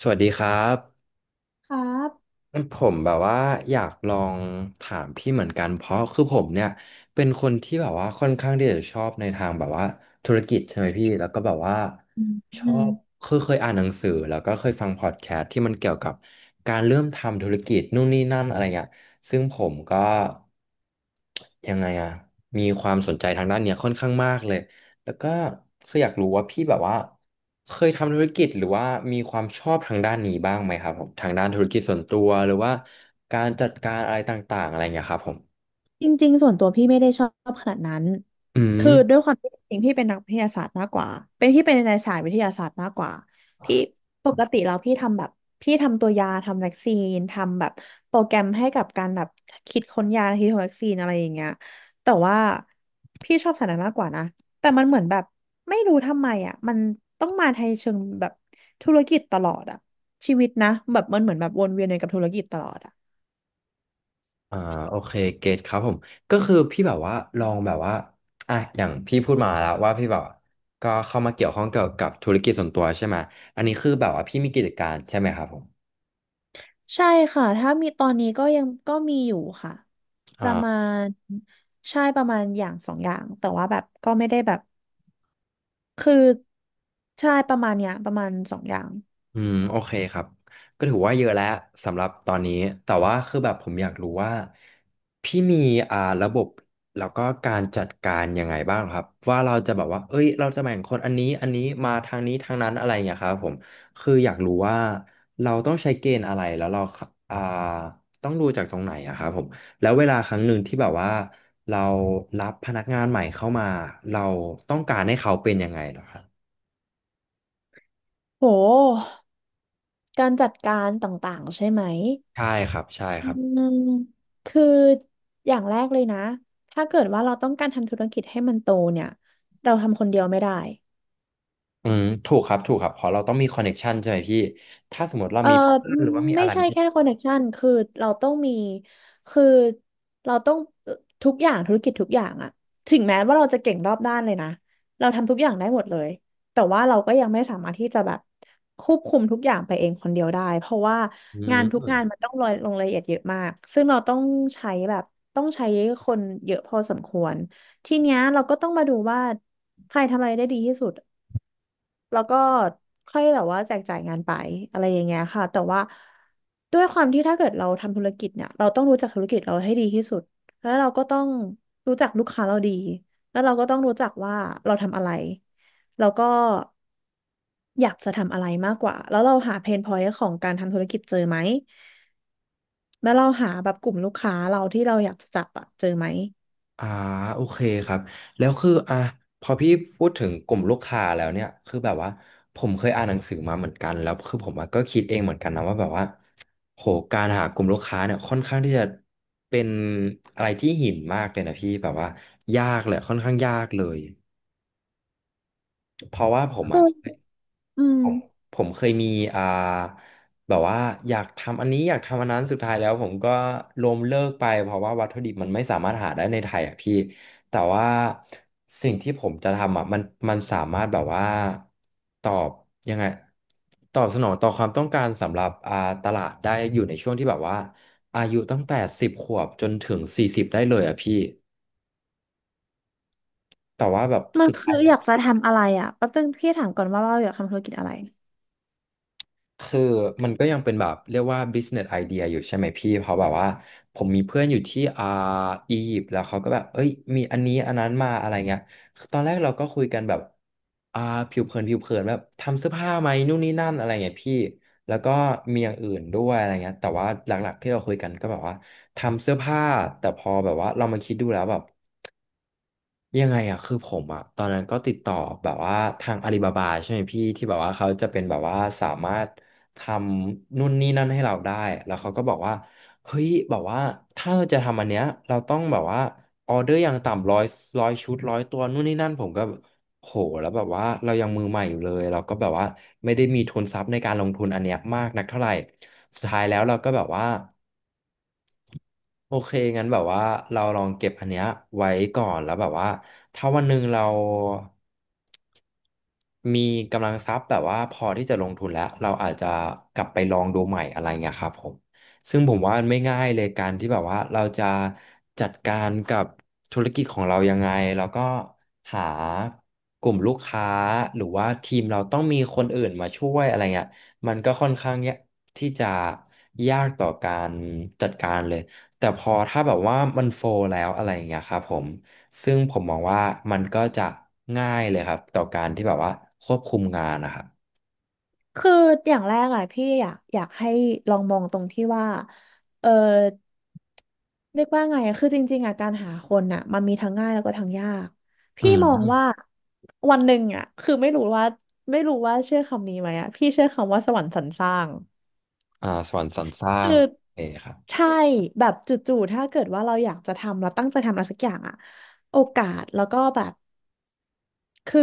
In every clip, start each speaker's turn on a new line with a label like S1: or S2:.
S1: สวัสดีครับ
S2: ครับ
S1: ผมแบบว่าอยากลองถามพี่เหมือนกันเพราะคือผมเนี่ยเป็นคนที่แบบว่าค่อนข้างที่จะชอบในทางแบบว่าธุรกิจใช่ไหมพี่แล้วก็แบบว่า
S2: อืม
S1: ช
S2: อื
S1: อ
S2: ม
S1: บคือเคยอ่านหนังสือแล้วก็เคยฟังพอดแคสต์ที่มันเกี่ยวกับการเริ่มทำธุรกิจนู่นนี่นั่นอะไรเงี้ยซึ่งผมก็ยังไงอะมีความสนใจทางด้านเนี้ยค่อนข้างมากเลย แล้วก็คืออยากรู้ว่าพี่แบบว่าเคยทำธุรกิจหรือว่ามีความชอบทางด้านนี้บ้างไหมครับผมทางด้านธุรกิจส่วนตัวหรือว่าการจัดการอะไรต่างๆอะไรอย่างเงี้ยครับผม
S2: จริงๆส่วนตัวพี่ไม่ได้ชอบขนาดนั้น
S1: อื
S2: คือด้
S1: ม
S2: วยความที่จริงๆพี่เป็นนักวิทยาศาสตร์มากกว่าเป็นพี่เป็นในสายวิทยาศาสตร์มากกว่าพี่ปกติแล้วพี่ทำแบบพี่ทำตัวยาทำวัคซีนทำแบบโปรแกรมให้กับการแบบคิดค้นยาคิดค้นวัคซีนอะไรอย่างเงี้ยแต่ว่าพี่ชอบสายนั้นมากกว่านะแต่มันเหมือนแบบไม่รู้ทำไมอ่ะมันต้องมาในเชิงแบบธุรกิจตลอดอ่ะชีวิตนะแบบมันเหมือนแบบวนเวียนอยู่กับธุรกิจตลอดอ่ะ
S1: อ่าโอเคเกตครับผมก็คือพี่แบบว่าลองแบบว่าอ่ะอย่างพี่พูดมาแล้วว่าพี่แบบก็เข้ามาเกี่ยวข้องเกี่ยวกับธุรกิจส่วนตัวใช่ไหมอันนี้คือแบบว่าพี่มีกิจการใช่ไหมครับผม
S2: ใช่ค่ะถ้ามีตอนนี้ก็ยังก็มีอยู่ค่ะประมา
S1: อ่า
S2: ณใช่ประมาณอย่างสองอย่างแต่ว่าแบบก็ไม่ได้แบบคือใช่ประมาณเนี้ยประมาณสองอย่าง
S1: อืมโอเคครับก็ถือว่าเยอะแล้วสำหรับตอนนี้แต่ว่าคือแบบผมอยากรู้ว่าพี่มีระบบแล้วก็การจัดการยังไงบ้างครับว่าเราจะแบบว่าเอ้ยเราจะแบ่งคนอันนี้อันนี้มาทางนี้ทางนั้นอะไรอย่างเงี้ยครับผมคืออยากรู้ว่าเราต้องใช้เกณฑ์อะไรแล้วเราอ่าต้องดูจากตรงไหนอะครับผมแล้วเวลาครั้งหนึ่งที่แบบว่าเรารับพนักงานใหม่เข้ามาเราต้องการให้เขาเป็นยังไงเหรอครับ
S2: โหการจัดการต่างๆใช่ไหม
S1: ใช่ครับใช่ค
S2: อื
S1: รับ
S2: มคืออย่างแรกเลยนะถ้าเกิดว่าเราต้องการทำธุรกิจให้มันโตเนี่ยเราทำคนเดียวไม่ได้
S1: อืมถูกครับถูกครับเพราะเราต้องมีคอนเน็กชันใช่ไหมพี่ถ้าสมมติเรา
S2: เออ
S1: มีเพื่อนหรือว่ามี
S2: ไม่
S1: อะไร
S2: ใช่
S1: ที่
S2: แค่คอนเน c t ชันคือเราต้องมีคือเราต้องเอ่อทุกอย่างธุรกิจทุกอย่างอะถึงแม้ว่าเราจะเก่งรอบด้านเลยนะเราทำทุกอย่างได้หมดเลยแต่ว่าเราก็ยังไม่สามารถที่จะแบบควบคุมทุกอย่างไปเองคนเดียวได้เพราะว่า
S1: อื
S2: งานทุกงาน
S1: ม
S2: มันต้องลงลงรายละเอียดเยอะมากซึ่งเราต้องใช้แบบต้องใช้คนเยอะพอสมควรทีเนี้ยเราก็ต้องมาดูว่าใครทำอะไรได้ดีที่สุด แล้วก็ค่อยแบบว่าแจกจ่ายงานไปอะไรอย่างเงี้ยค่ะแต่ว่าด้วยความที่ถ้าเกิดเราทำธุรกิจเนี่ยเราต้องรู้จักธุรกิจเราให้ดีที่สุดแล้วเราก็ต้องรู้จักลูกค้าเราดีแล้วเราก็ต้องรู้จักว่าเราทำอะไรแล้วก็อยากจะทำอะไรมากกว่าแล้วเราหาเพนพอยต์ของการทำธุรกิจเจอไหมแล้วเราหาแบบกลุ่มลูกค้าเราที่เราอยากจะจับอะเจอไหม
S1: อ่าโอเคครับแล้วคืออ่ะพอพี่พูดถึงกลุ่มลูกค้าแล้วเนี่ยคือแบบว่าผมเคยอ่านหนังสือมาเหมือนกันแล้วคือผมอะก็คิดเองเหมือนกันนะว่าแบบว่าโหการหากลุ่มลูกค้าเนี่ยค่อนข้างที่จะเป็นอะไรที่หินมากเลยนะพี่แบบว่ายากเลยค่อนข้างยากเลยเพราะว่าผม
S2: คื
S1: อ่ะ
S2: ออืม
S1: ผมเคยมีอ่าแบบว่าอยากทำอันนี้อยากทำอันนั้นสุดท้ายแล้วผมก็ล้มเลิกไปเพราะว่าวัตถุดิบมันไม่สามารถหาได้ในไทยอ่ะพี่แต่ว่าสิ่งที่ผมจะทำอ่ะมันสามารถแบบว่าตอบยังไงตอบสนองต่อความต้องการสำหรับตลาดได้อยู่ในช่วงที่แบบว่าอายุตั้งแต่สิบขวบจนถึงสี่สิบได้เลยอ่ะพี่แต่ว่าแบบ
S2: มัน
S1: สุด
S2: คื
S1: ท้า
S2: อ
S1: ย
S2: อยากจะทำอะไรอะแป๊บนึงพี่ถามก่อนว่าเราอยากทำธุรกิจอะไร
S1: คือมันก็ยังเป็นแบบเรียกว่า business idea อยู่ใช่ไหมพี่เพราะแบบว่าผมมีเพื่อนอยู่ที่อียิปต์แล้วเขาก็แบบเอ้ยมีอันนี้อันนั้นมาอะไรเงี้ยตอนแรกเราก็คุยกันแบบอ่าผิวเผินแบบทำเสื้อผ้าไหมนู่นนี่นั่นอะไรเงี้ยพี่แล้วก็มีอย่างอื่นด้วยอะไรเงี้ยแต่ว่าหลักๆที่เราคุยกันก็แบบว่าทำเสื้อผ้าแต่พอแบบว่าเรามาคิดดูแล้วแบบ ยังไงอ่ะคือผมอ่ะตอนนั้นก็ติดต่อแบบว่าทางอาลีบาบาใช่ไหมพี่ที่แบบว่าเขาจะเป็นแบบว่าสามารถทำนู่นนี่นั่นให้เราได้แล้วเขาก็บอกว่าเฮ้ยแบบว่าถ้าเราจะทำอันเนี้ยเราต้องแบบว่าออเดอร์อย่างต่ำร้อยร้อยชุดร้อยตัวนู่นนี่นั่นผมก็โหแล้วแบบว่าเรายังมือใหม่อยู่เลยเราก็แบบว่าไม่ได้มีทุนทรัพย์ในการลงทุนอันเนี้ยมากนักเท่าไหร่สุดท้ายแล้วเราก็แบบว่า โอเคงั้นแบบว่าเราลองเก็บอันเนี้ยไว้ก่อนแล้วแบบว่าถ้าวันหนึ่งเรามีกำลังทรัพย์แบบว่าพอที่จะลงทุนแล้ว เราอาจจะกลับไปลองดูใหม่อะไรเงี้ยครับผมซึ่งผมว่ามันไม่ง่ายเลยการที่แบบว่าเราจะจัดการกับธุรกิจของเรายังไงแล้วก็หากลุ่มลูกค้าหรือว่าทีมเราต้องมีคนอื่นมาช่วยอะไรเงี้ยมันก็ค่อนข้างยากที่จะยากต่อการจัดการเลย แต่พอถ้าแบบว่ามันโฟลแล้วอะไรอย่างเงี้ยครับผมซึ่งผมมองว่ามันก็จะง่ายเลยครับต่อการที่แบบว่าควบคุมงานนะครับ
S2: คืออย่างแรกอ่ะพี่อยากให้ลองมองตรงที่ว่าเออเรียกว่าไงอะคือจริงๆอ่ะการหาคนอ่ะมันมีทั้งง่ายแล้วก็ทั้งยาก
S1: อื
S2: พี่
S1: ม
S2: มองว่าวันหนึ่งอ่ะคือไม่รู้ว่าเชื่อคำนี้ไหมอ่ะพี่เชื่อคำว่าสวรรค์สรรสร้าง
S1: สวรรค์สรรสร้าง
S2: คือ
S1: โอเคครับ
S2: ใช่แบบจู่ๆถ้าเกิดว่าเราอยากจะทำเราตั้งใจทำอะไรสักอย่างอะโอกาสแล้วก็แบบ คือ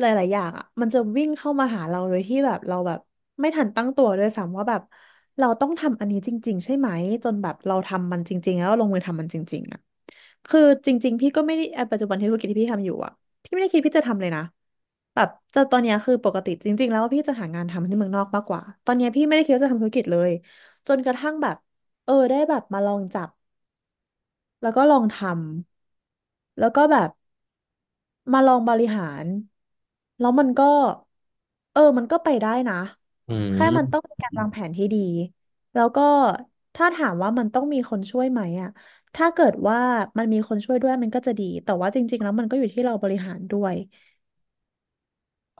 S2: หลายๆ อย่างอ่ะมันจะวิ่งเข้ามาหาเราโดยที่แบบเราแบบไม่ทันตั้งตัวด้วยซ้ำว่าแบบเราต้องทำอันนี้จริงๆใช่ไหมจนแบบเราทำมันจริงๆ แล้วลงมือทำมันจริงๆอ่ะคือจริงๆพี่ก็ไม่ได้ปัจจุบันที่ธุรกิจที่พี่ทำอยู่อ่ะพี่ไม่ได้คิดพี่จะทำเลยนะแบบจะตอนเนี้ยคือปกติจริงๆ แล้วพี่จะหางานทำที่เมืองนอกมากกว่าตอนเนี้ยพี่ไม่ได้คิดว่าจะทำธุรกิจเลยจนกระทั่งแบบเออได้แบบมาลองจับแล้วก็ลองทำแล้วก็แบบ มาลองบริหารแล้วมันก็เออมันก็ไปได้นะ
S1: อื
S2: แค่มันต้อง
S1: ม
S2: มีการวางแผนที่ดีแล้วก็ถ้าถามว่ามันต้องมีคนช่วยไหมอะถ้าเกิดว่ามันมีคนช่วยด้วยมันก็จะดีแต่ว่าจริงๆแล้วมันก็อยู่ที่เราบริหารด้วย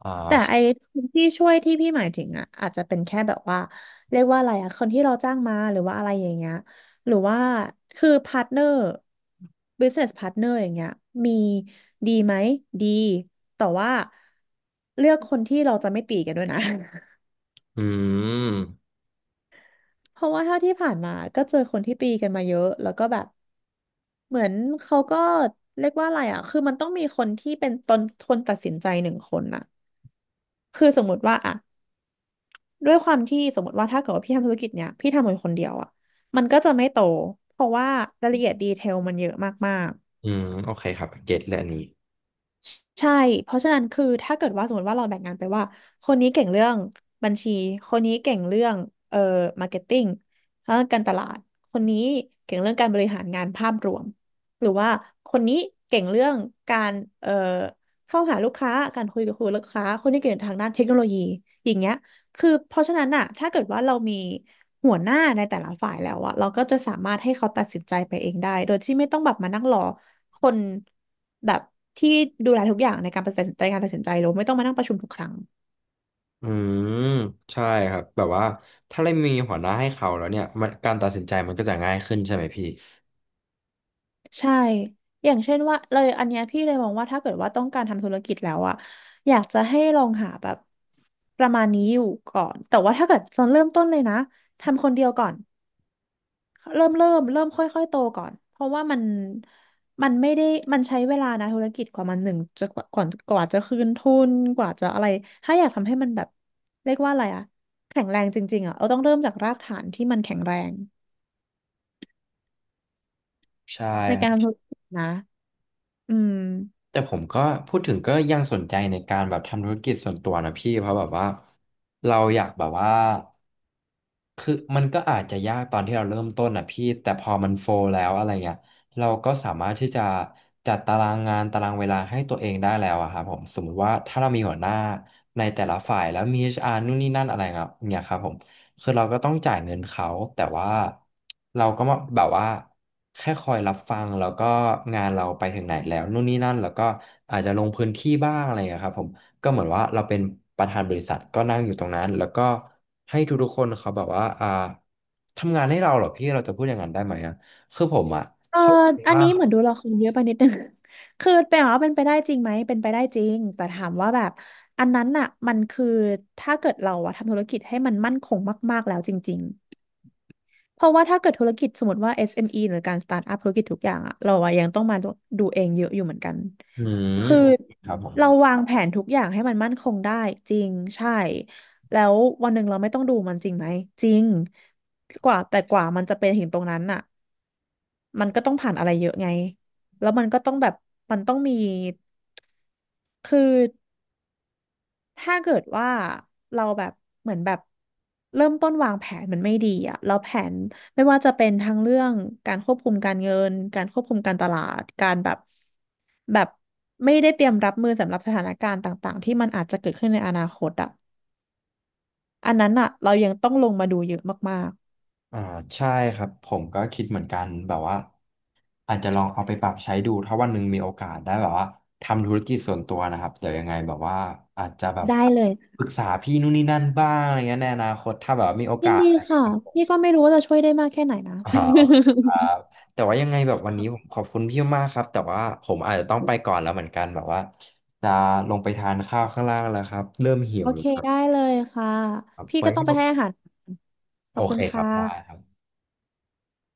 S1: อ่า
S2: ที่ช่วยที่พี่หมายถึงอ่ะอาจจะเป็นแค่แบบว่าเรียกว่าอะไรอ่ะคนที่เราจ้างมาหรือว่าอะไรอย่างเงี้ยหรือว่าคือพาร์ทเนอร์ business partner อย่างเงี้ยมีดีไหมดีแต่ว่าเลือกคนที่เราจะไม่ตีกันด้วยนะ
S1: อืม
S2: เพราะว่าเท่าที่ผ่านมาก็เจอคนที่ตีกันมาเยอะแล้วก็แบบเหมือนเขาก็เรียกว่าอะไรอ่ะคือมันต้องมีคนที่เป็นตนคนตัดสินใจหนึ่งคนอ่ะคือสมมติว่าอ่ะ ด้วยความที่สมมติว่าถ้าเกิดว่าพี่ทำธุรกิจเนี้ยพี่ทำคนคนเดียวอ่ะมันก็จะไม่โตเพราะว่ารายละเอียดดีเทลมันเยอะมาก
S1: อืมโอเคครับเก็ตเลยอันนี้
S2: ๆใช่เพราะฉะนั้นคือถ้าเกิดว่าสมมติว่าเราแบ่งงานไปว่าคนนี้เก่งเรื่องบัญชีคนนี้เก่งเรื่องเอ่อมาร์เก็ตติ้งแล้วการตลาดคนนี้เก่งเรื่องการบริหารงานภาพรวมหรือว่าคนนี้เก่งเรื่องการเอ่อเข้าหาลูกค้าการคุยกับคุยลูกค้าคนนี้เก่งทางด้านเทคโนโลยีอย่างเงี้ย คือเพราะฉะนั้นอะถ้าเกิดว่าเรามีหัวหน้าในแต่ละฝ่ายแล้วอะเราก็จะสามารถให้เขาตัดสินใจไปเองได้โดยที่ไม่ต้องแบบมานั่งรอคนแบบที่ดูแลทุกอย่างในการตัดสินใจการตัดสินใจหรือไม่ต้องมานั่งประชุมทุกครั้ง
S1: อืมใช่ครับแบบว่าถ้าเรามีหัวหน้าให้เขาแล้วเนี่ยมันการตัดสินใจมันก็จะง่ายขึ้นใช่ไหมพี่
S2: ใช่อย่างเช่นว่าเลยอันเนี้ยพี่เลยมองว่าถ้าเกิดว่าต้องการทำธุรกิจแล้วอะอยากจะให้ลองหาแบบประมาณนี้อยู่ก่อนแต่ว่าถ้าเกิดตอนเริ่มต้นเลยนะทำคนเดียวก่อน เริ่มค่อยๆโตก่อนเพราะว่ามันไม่ได้มันใช้เวลานะธุรกิจกว่ามันหนึ่งจะกว่าก่อนกว่าจะคืนทุนกว่าจะอะไรถ้าอยากทำให้มันแบบเรียกว่าอะไรอะแข็งแรงจริงๆอะเราต้องเริ่มจากรากฐานที่มันแข็งแรง
S1: ใช่
S2: ในการทำธุรกิจนะอืม
S1: แต่ผมก็พูดถึงก็ยังสนใจในการแบบทำธุรกิจส่วนตัวนะพี่เพราะแบบว่าเราอยากแบบว่า คือมันก็อาจจะยากตอนที่เราเริ่มต้นอ่ะพี่แต่พอมันโฟลแล้วอะไรเงี้ยเราก็สามารถที่จะจัดตารางงานตารางเวลาให้ตัวเองได้แล้วอะครับผมสมมุติว่าถ้าเรามีหัวหน้าในแต่ละฝ่ายแล้วมี HR นู่นนี่นั่นอะไรเงี้ยเนี่ยครับผมคือเราก็ต้องจ่ายเงินเขาแต่ว่าเราก็มาแบบว่าแค่คอยรับฟังแล้วก็งานเราไปถึงไหนแล้วนู่นนี่นั่นแล้วก็อาจจะลงพื้นที่บ้างอะไรเงี้ยครับผม ก็เหมือนว่าเราเป็นประธานบริษัทก็นั่งอยู่ตรงนั้นแล้วก็ให้ทุกๆคนเขาแบบว่าทำงานให้เราเหรอพี่เราจะพูดอย่างนั้นได้ไหมอ่ะคือผมอ่ะ
S2: เออ
S1: เข้าใจ
S2: อัน
S1: ว่า
S2: นี้เหมือนดูละครเยอะไปนิดนึง คือเป็นว่าเป็นไปได้จริงไหมเป็นไปได้จริงแต่ถามว่าแบบอันนั้นน่ะมันคือถ้าเกิดเราอะทำธุรกิจให้มันมั่นคงมากๆแล้วจริง เพราะว่าถ้าเกิดธุรกิจสมมติว่า SME หรือการสตาร์ทอัพธุรกิจทุกอย่างอะเราอะยังต้องมาดูเองเยอะอยู่เหมือนกัน
S1: อืม
S2: คือ
S1: โอเคครับผม
S2: เราวางแผนทุกอย่างให้มันมั่นคงได้จริงใช่แล้ววันหนึ่งเราไม่ต้องดูมันจริงไหมจริงกว่าแต่กว่ามันจะเป็นถึงตรงนั้นอะมันก็ต้องผ่านอะไรเยอะไงแล้วมันก็ต้องแบบมันต้องมีคือ ถ้าเกิดว่าเราแบบเหมือนแบบเริ่มต้นวางแผนมันไม่ดีอะเราแผนไม่ว่าจะเป็นทั้งเรื่องการควบคุมการเงินการควบคุมการตลาดการแบบไม่ได้เตรียมรับมือสำหรับสถานการณ์ต่างๆที่มันอาจจะเกิดขึ้นในอนาคตอะอันนั้นอะเรายังต้องลงมาดูเยอะมาก
S1: อ่าใช่ครับผมก็คิดเหมือนกันแบบว่าอาจจะลองเอาไปปรับใช้ดูถ้าวันหนึ่งมีโอกาสได้แบบว่าทำธุรกิจส่วนตัวนะครับเดี๋ยวยังไงแบบว่าอาจจะแบบ
S2: ๆได้เลย
S1: ปรึกษาพี่นู่นนี่นั่นบ้างอะไรเงี้ยในอนาคตถ้าแบบว่ามีโอ
S2: ยิ
S1: กา
S2: น
S1: ส
S2: ดี
S1: อะไร
S2: ค่ะ
S1: ครับ
S2: พี่ก็ไม่รู้ว่าจะช่วยได้มากแค่ไหนนะ
S1: อ่าโอเค ครับแต่ว่ายังไงแบบวันนี้ผมขอบคุณพี่มากครับ แต่ว่าผมอาจจะต้องไปก่อนแล้วเหมือนกันแบบว่าจะลงไปทานข้าวข้างล่างแล้วครับ เริ่มหิ
S2: โอ
S1: วแล้
S2: เค
S1: วครั
S2: ได้
S1: บ
S2: เลยค่ะ
S1: ครับ
S2: พี่
S1: ไว้
S2: ก็ต้อ
S1: ให้
S2: งไปให้อาหารข
S1: โอ
S2: อบคุ
S1: เค
S2: ณ
S1: ค
S2: ค่
S1: รับ ได้ครั
S2: ะ
S1: บ